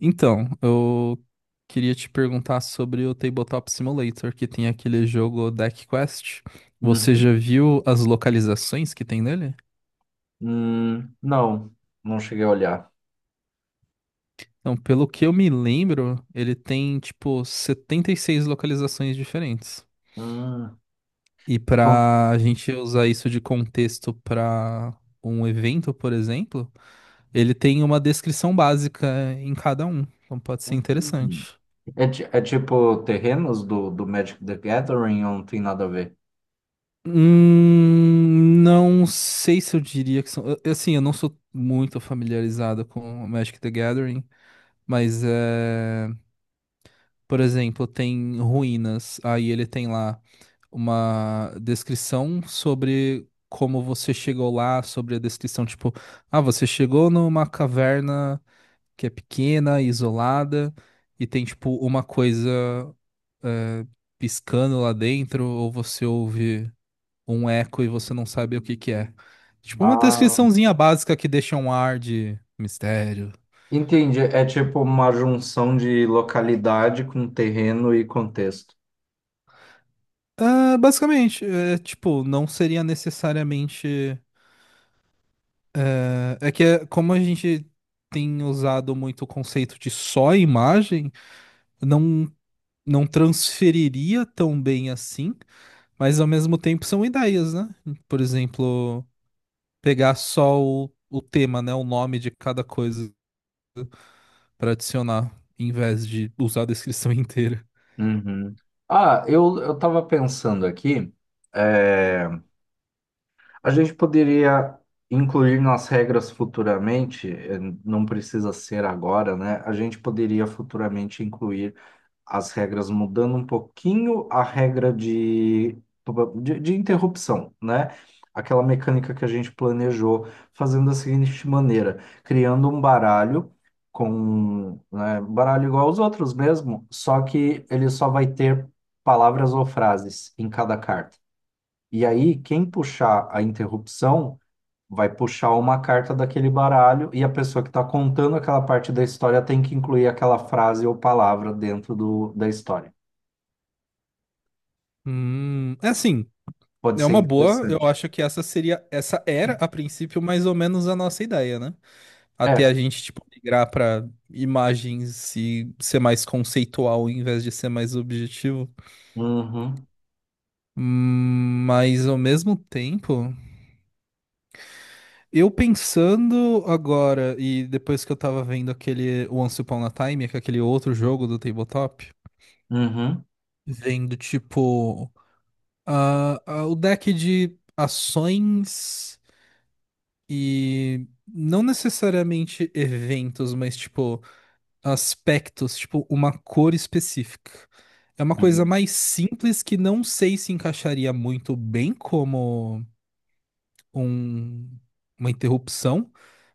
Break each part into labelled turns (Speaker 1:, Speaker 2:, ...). Speaker 1: Então, eu queria te perguntar sobre o Tabletop Simulator, que tem aquele jogo Deck Quest. Você já
Speaker 2: Uhum.
Speaker 1: viu as localizações que tem nele?
Speaker 2: Não, não cheguei a olhar.
Speaker 1: Então, pelo que eu me lembro, ele tem tipo 76 localizações diferentes.
Speaker 2: Hum,
Speaker 1: E
Speaker 2: são-
Speaker 1: pra gente usar isso de contexto pra um evento, por exemplo, ele tem uma descrição básica em cada um. Então pode ser
Speaker 2: Uhum.
Speaker 1: interessante.
Speaker 2: É, é tipo terrenos do Magic the Gathering ou não tem nada a ver?
Speaker 1: Não sei se eu diria que são. Assim, eu não sou muito familiarizado com Magic the Gathering, mas é, por exemplo, tem ruínas. Aí ele tem lá uma descrição sobre como você chegou lá, sobre a descrição, tipo, ah, você chegou numa caverna que é pequena, isolada, e tem, tipo, uma coisa piscando lá dentro, ou você ouve um eco e você não sabe o que que é. Tipo uma
Speaker 2: Ah,
Speaker 1: descriçãozinha básica que deixa um ar de mistério.
Speaker 2: entendi. É tipo uma junção de localidade com terreno e contexto.
Speaker 1: Ah, basicamente, é, tipo, não seria necessariamente. É, é que é, como a gente tem usado muito o conceito de só imagem, não, não transferiria tão bem assim, mas ao mesmo tempo são ideias, né? Por exemplo, pegar só o tema, né? O nome de cada coisa para adicionar, em vez de usar a descrição inteira.
Speaker 2: Uhum. Ah, eu tava pensando aqui, é, a gente poderia incluir nas regras futuramente, não precisa ser agora, né? A gente poderia futuramente incluir as regras mudando um pouquinho a regra de interrupção, né? Aquela mecânica que a gente planejou fazendo da seguinte maneira, criando um baralho com, né, baralho igual aos outros mesmo, só que ele só vai ter palavras ou frases em cada carta. E aí, quem puxar a interrupção vai puxar uma carta daquele baralho e a pessoa que está contando aquela parte da história tem que incluir aquela frase ou palavra dentro da história.
Speaker 1: É assim,
Speaker 2: Pode
Speaker 1: é
Speaker 2: ser
Speaker 1: uma boa. Eu
Speaker 2: interessante.
Speaker 1: acho que essa seria, essa era a princípio mais ou menos a nossa ideia, né? Até a
Speaker 2: É.
Speaker 1: gente tipo migrar pra imagens e ser mais conceitual em vez de ser mais objetivo.
Speaker 2: Uhum,
Speaker 1: Mas ao mesmo tempo. Eu pensando agora, e depois que eu tava vendo aquele Once Upon a Time, que é aquele outro jogo do tabletop,
Speaker 2: uhum,
Speaker 1: vendo tipo ah, o deck de ações e não necessariamente eventos, mas tipo aspectos, tipo uma cor específica. É uma coisa
Speaker 2: uhum,
Speaker 1: mais simples que não sei se encaixaria muito bem um- uma interrupção,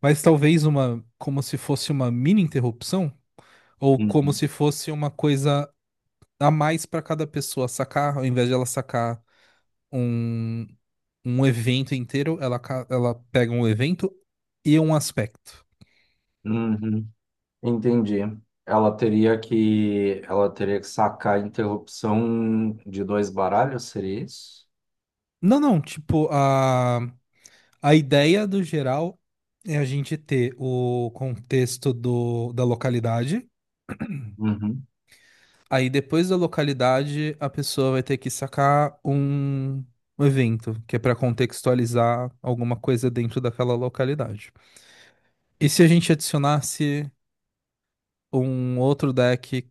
Speaker 1: mas talvez uma, como se fosse uma mini interrupção, ou como
Speaker 2: uhum,
Speaker 1: se fosse uma coisa a mais para cada pessoa sacar, ao invés de ela sacar um, um evento inteiro, ela pega um evento e um aspecto.
Speaker 2: uhum. Entendi. Ela teria que sacar a interrupção de dois baralhos, seria isso?
Speaker 1: Não, não, tipo, a ideia do geral é a gente ter o contexto do, da localidade.
Speaker 2: Uhum.
Speaker 1: Aí depois da localidade, a pessoa vai ter que sacar um evento, que é para contextualizar alguma coisa dentro daquela localidade. E se a gente adicionasse um outro deck,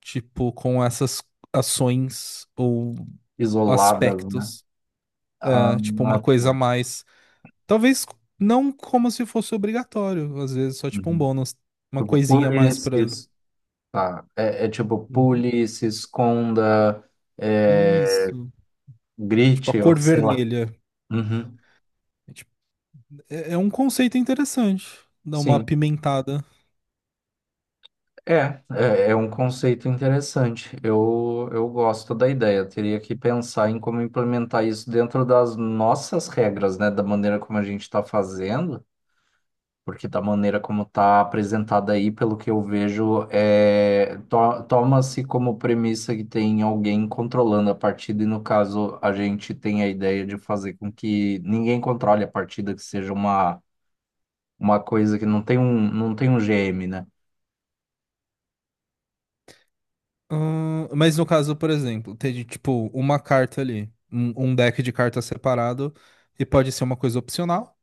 Speaker 1: tipo, com essas ações ou
Speaker 2: Isoladas, né?
Speaker 1: aspectos,
Speaker 2: Ah,
Speaker 1: né? Tipo, uma coisa a
Speaker 2: tá.
Speaker 1: mais. Talvez não como se fosse obrigatório, às vezes só tipo um
Speaker 2: Uhum.
Speaker 1: bônus, uma
Speaker 2: Tipo,
Speaker 1: coisinha a
Speaker 2: pule,
Speaker 1: mais
Speaker 2: se
Speaker 1: para.
Speaker 2: es- tá. É, é tipo, pule, se esconda, é,
Speaker 1: Isso. Tipo, a
Speaker 2: grite, ou
Speaker 1: cor
Speaker 2: sei lá.
Speaker 1: vermelha.
Speaker 2: Uhum.
Speaker 1: Tipo, é, é um conceito interessante, dar uma
Speaker 2: Sim.
Speaker 1: apimentada.
Speaker 2: É, é, é um conceito interessante. Eu gosto da ideia. Teria que pensar em como implementar isso dentro das nossas regras, né? Da maneira como a gente está fazendo, porque da maneira como está apresentada aí, pelo que eu vejo, é, toma-se como premissa que tem alguém controlando a partida, e no caso, a gente tem a ideia de fazer com que ninguém controle a partida, que seja uma coisa que não tem um, não tem um GM, né?
Speaker 1: Mas no caso, por exemplo, tem tipo uma carta ali, um deck de cartas separado, e pode ser uma coisa opcional.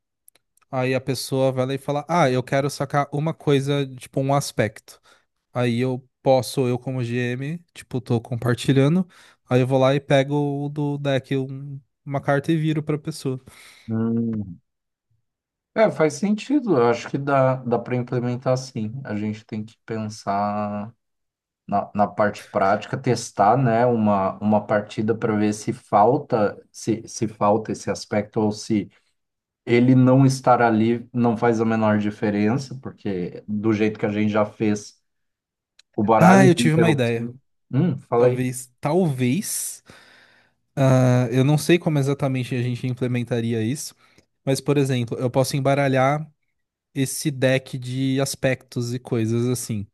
Speaker 1: Aí a pessoa vai lá e fala: Ah, eu quero sacar uma coisa, tipo um aspecto. Aí eu posso, eu como GM, tipo, tô compartilhando. Aí eu vou lá e pego o do deck, uma carta e viro pra pessoa.
Speaker 2: É, faz sentido. Eu acho que dá para implementar sim. A gente tem que pensar na parte prática, testar, né, uma partida para ver se falta, se falta esse aspecto ou se ele não estar ali não faz a menor diferença, porque do jeito que a gente já fez o
Speaker 1: Ah,
Speaker 2: baralho
Speaker 1: eu tive uma
Speaker 2: pelo.
Speaker 1: ideia.
Speaker 2: Falei.
Speaker 1: Talvez, talvez. Ah, eu não sei como exatamente a gente implementaria isso, mas, por exemplo, eu posso embaralhar esse deck de aspectos e coisas assim.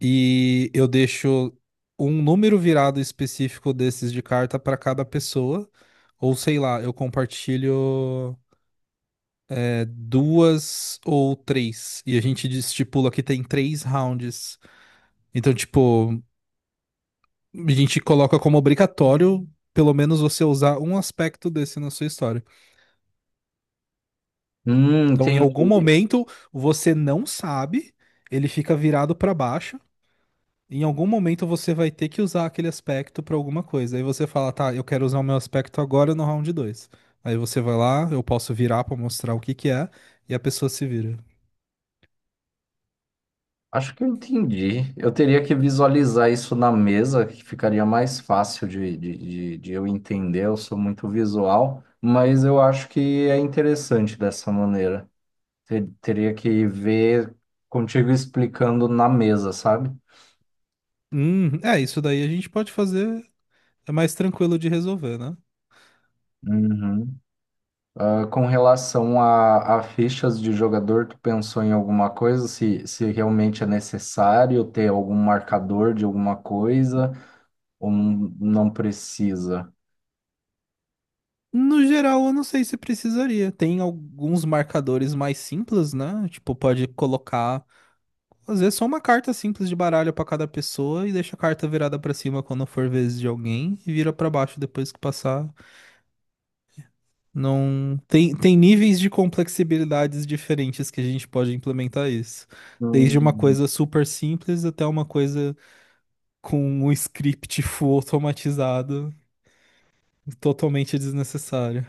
Speaker 1: E eu deixo um número virado específico desses de carta para cada pessoa, ou sei lá, eu compartilho é, duas ou três, e a gente estipula que tem 3 rounds. Então, tipo, a gente coloca como obrigatório, pelo menos, você usar um aspecto desse na sua história. Então, em algum
Speaker 2: Entendi.
Speaker 1: momento, você não sabe, ele fica virado para baixo. Em algum momento, você vai ter que usar aquele aspecto para alguma coisa. Aí você fala, tá, eu quero usar o meu aspecto agora no round 2. Aí você vai lá, eu posso virar para mostrar o que que é, e a pessoa se vira.
Speaker 2: Acho que eu entendi. Eu teria que visualizar isso na mesa, que ficaria mais fácil de eu entender. Eu sou muito visual, mas eu acho que é interessante dessa maneira. Teria que ver contigo explicando na mesa, sabe?
Speaker 1: É, isso daí a gente pode fazer, é mais tranquilo de resolver, né?
Speaker 2: Uhum. Ah, com relação a fichas de jogador, tu pensou em alguma coisa? Se realmente é necessário ter algum marcador de alguma coisa ou não precisa?
Speaker 1: No geral, eu não sei se precisaria. Tem alguns marcadores mais simples, né? Tipo, pode colocar às vezes só uma carta simples de baralho pra cada pessoa e deixa a carta virada pra cima quando for vez de alguém e vira pra baixo depois que passar. Não tem, tem níveis de complexibilidades diferentes que a gente pode implementar isso. Desde uma
Speaker 2: Hum.
Speaker 1: coisa super simples até uma coisa com um script full automatizado, totalmente desnecessário.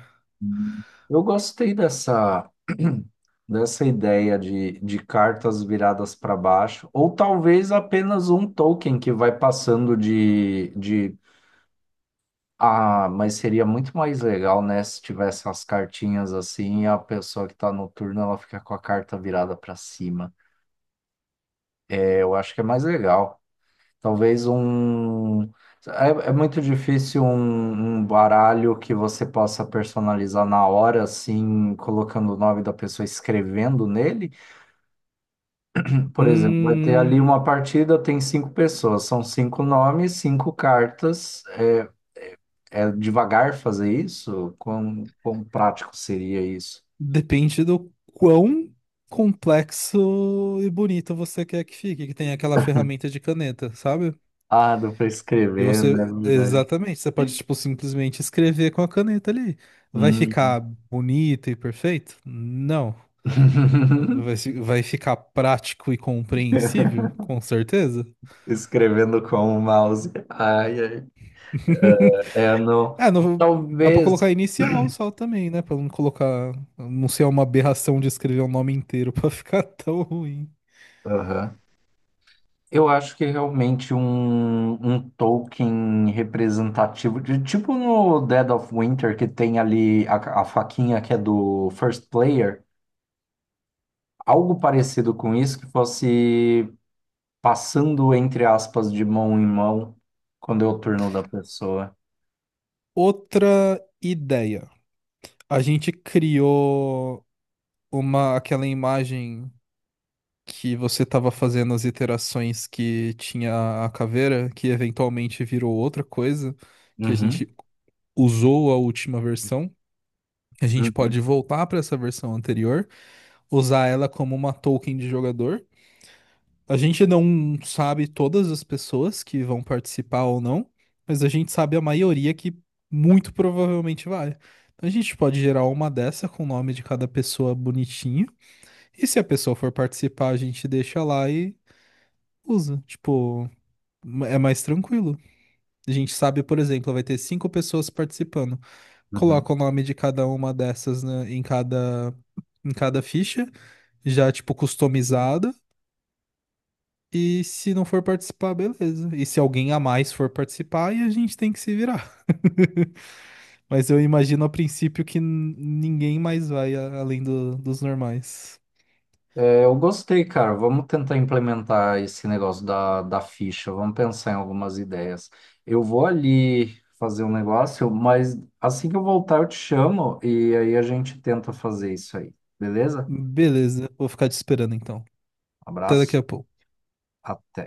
Speaker 2: Eu gostei dessa, dessa ideia de cartas viradas para baixo, ou talvez apenas um token que vai passando de, de. Ah, mas seria muito mais legal, né, se tivesse as cartinhas assim e a pessoa que está no turno ela fica com a carta virada para cima. É, eu acho que é mais legal. Talvez um. É, é muito difícil um baralho que você possa personalizar na hora, assim, colocando o nome da pessoa, escrevendo nele. Por exemplo, vai ter ali
Speaker 1: Hum,
Speaker 2: uma partida, tem cinco pessoas, são cinco nomes, cinco cartas. É, é devagar fazer isso? Quão prático seria isso?
Speaker 1: Depende do quão complexo e bonito você quer que fique, que tem aquela ferramenta de caneta, sabe?
Speaker 2: Ah, dá para
Speaker 1: E
Speaker 2: escrever, né? É
Speaker 1: você,
Speaker 2: verdade.
Speaker 1: exatamente, você pode, tipo, simplesmente escrever com a caneta ali. Vai ficar
Speaker 2: Hum.
Speaker 1: bonito e perfeito? Não. Vai, vai ficar prático e compreensível? Com certeza.
Speaker 2: Escrevendo com o mouse. Ai, ai. É, não.
Speaker 1: É, não, dá pra
Speaker 2: Talvez.
Speaker 1: colocar inicial só também, né? Pra não colocar, não ser uma aberração de escrever o nome inteiro pra ficar tão ruim.
Speaker 2: Aham. Eu acho que é realmente um token representativo, de, tipo no Dead of Winter, que tem ali a faquinha que é do first player, algo parecido com isso, que fosse passando, entre aspas, de mão em mão, quando é o turno da pessoa.
Speaker 1: Outra ideia. A gente criou uma, aquela imagem. Que você estava fazendo as iterações que tinha a caveira, que eventualmente virou outra coisa, que a
Speaker 2: Uhum,
Speaker 1: gente usou a última versão. A gente
Speaker 2: uhum,
Speaker 1: pode voltar para essa versão anterior, usar ela como uma token de jogador. A gente não sabe todas as pessoas que vão participar ou não, mas a gente sabe a maioria que muito provavelmente vai. Então a gente pode gerar uma dessa com o nome de cada pessoa bonitinho. E se a pessoa for participar, a gente deixa lá e usa. Tipo, é mais tranquilo. A gente sabe, por exemplo, vai ter cinco pessoas participando.
Speaker 2: uhum.
Speaker 1: Coloca o nome de cada uma dessas, né, em cada ficha, já, tipo, customizada. E se não for participar, beleza. E se alguém a mais for participar, aí a gente tem que se virar. Mas eu imagino a princípio que ninguém mais vai além dos normais.
Speaker 2: É, eu gostei, cara. Vamos tentar implementar esse negócio da ficha. Vamos pensar em algumas ideias. Eu vou ali fazer um negócio, mas assim que eu voltar, eu te chamo e aí a gente tenta fazer isso aí. Beleza?
Speaker 1: Beleza, vou ficar te esperando então. Até daqui
Speaker 2: Abraço.
Speaker 1: a pouco.
Speaker 2: Até.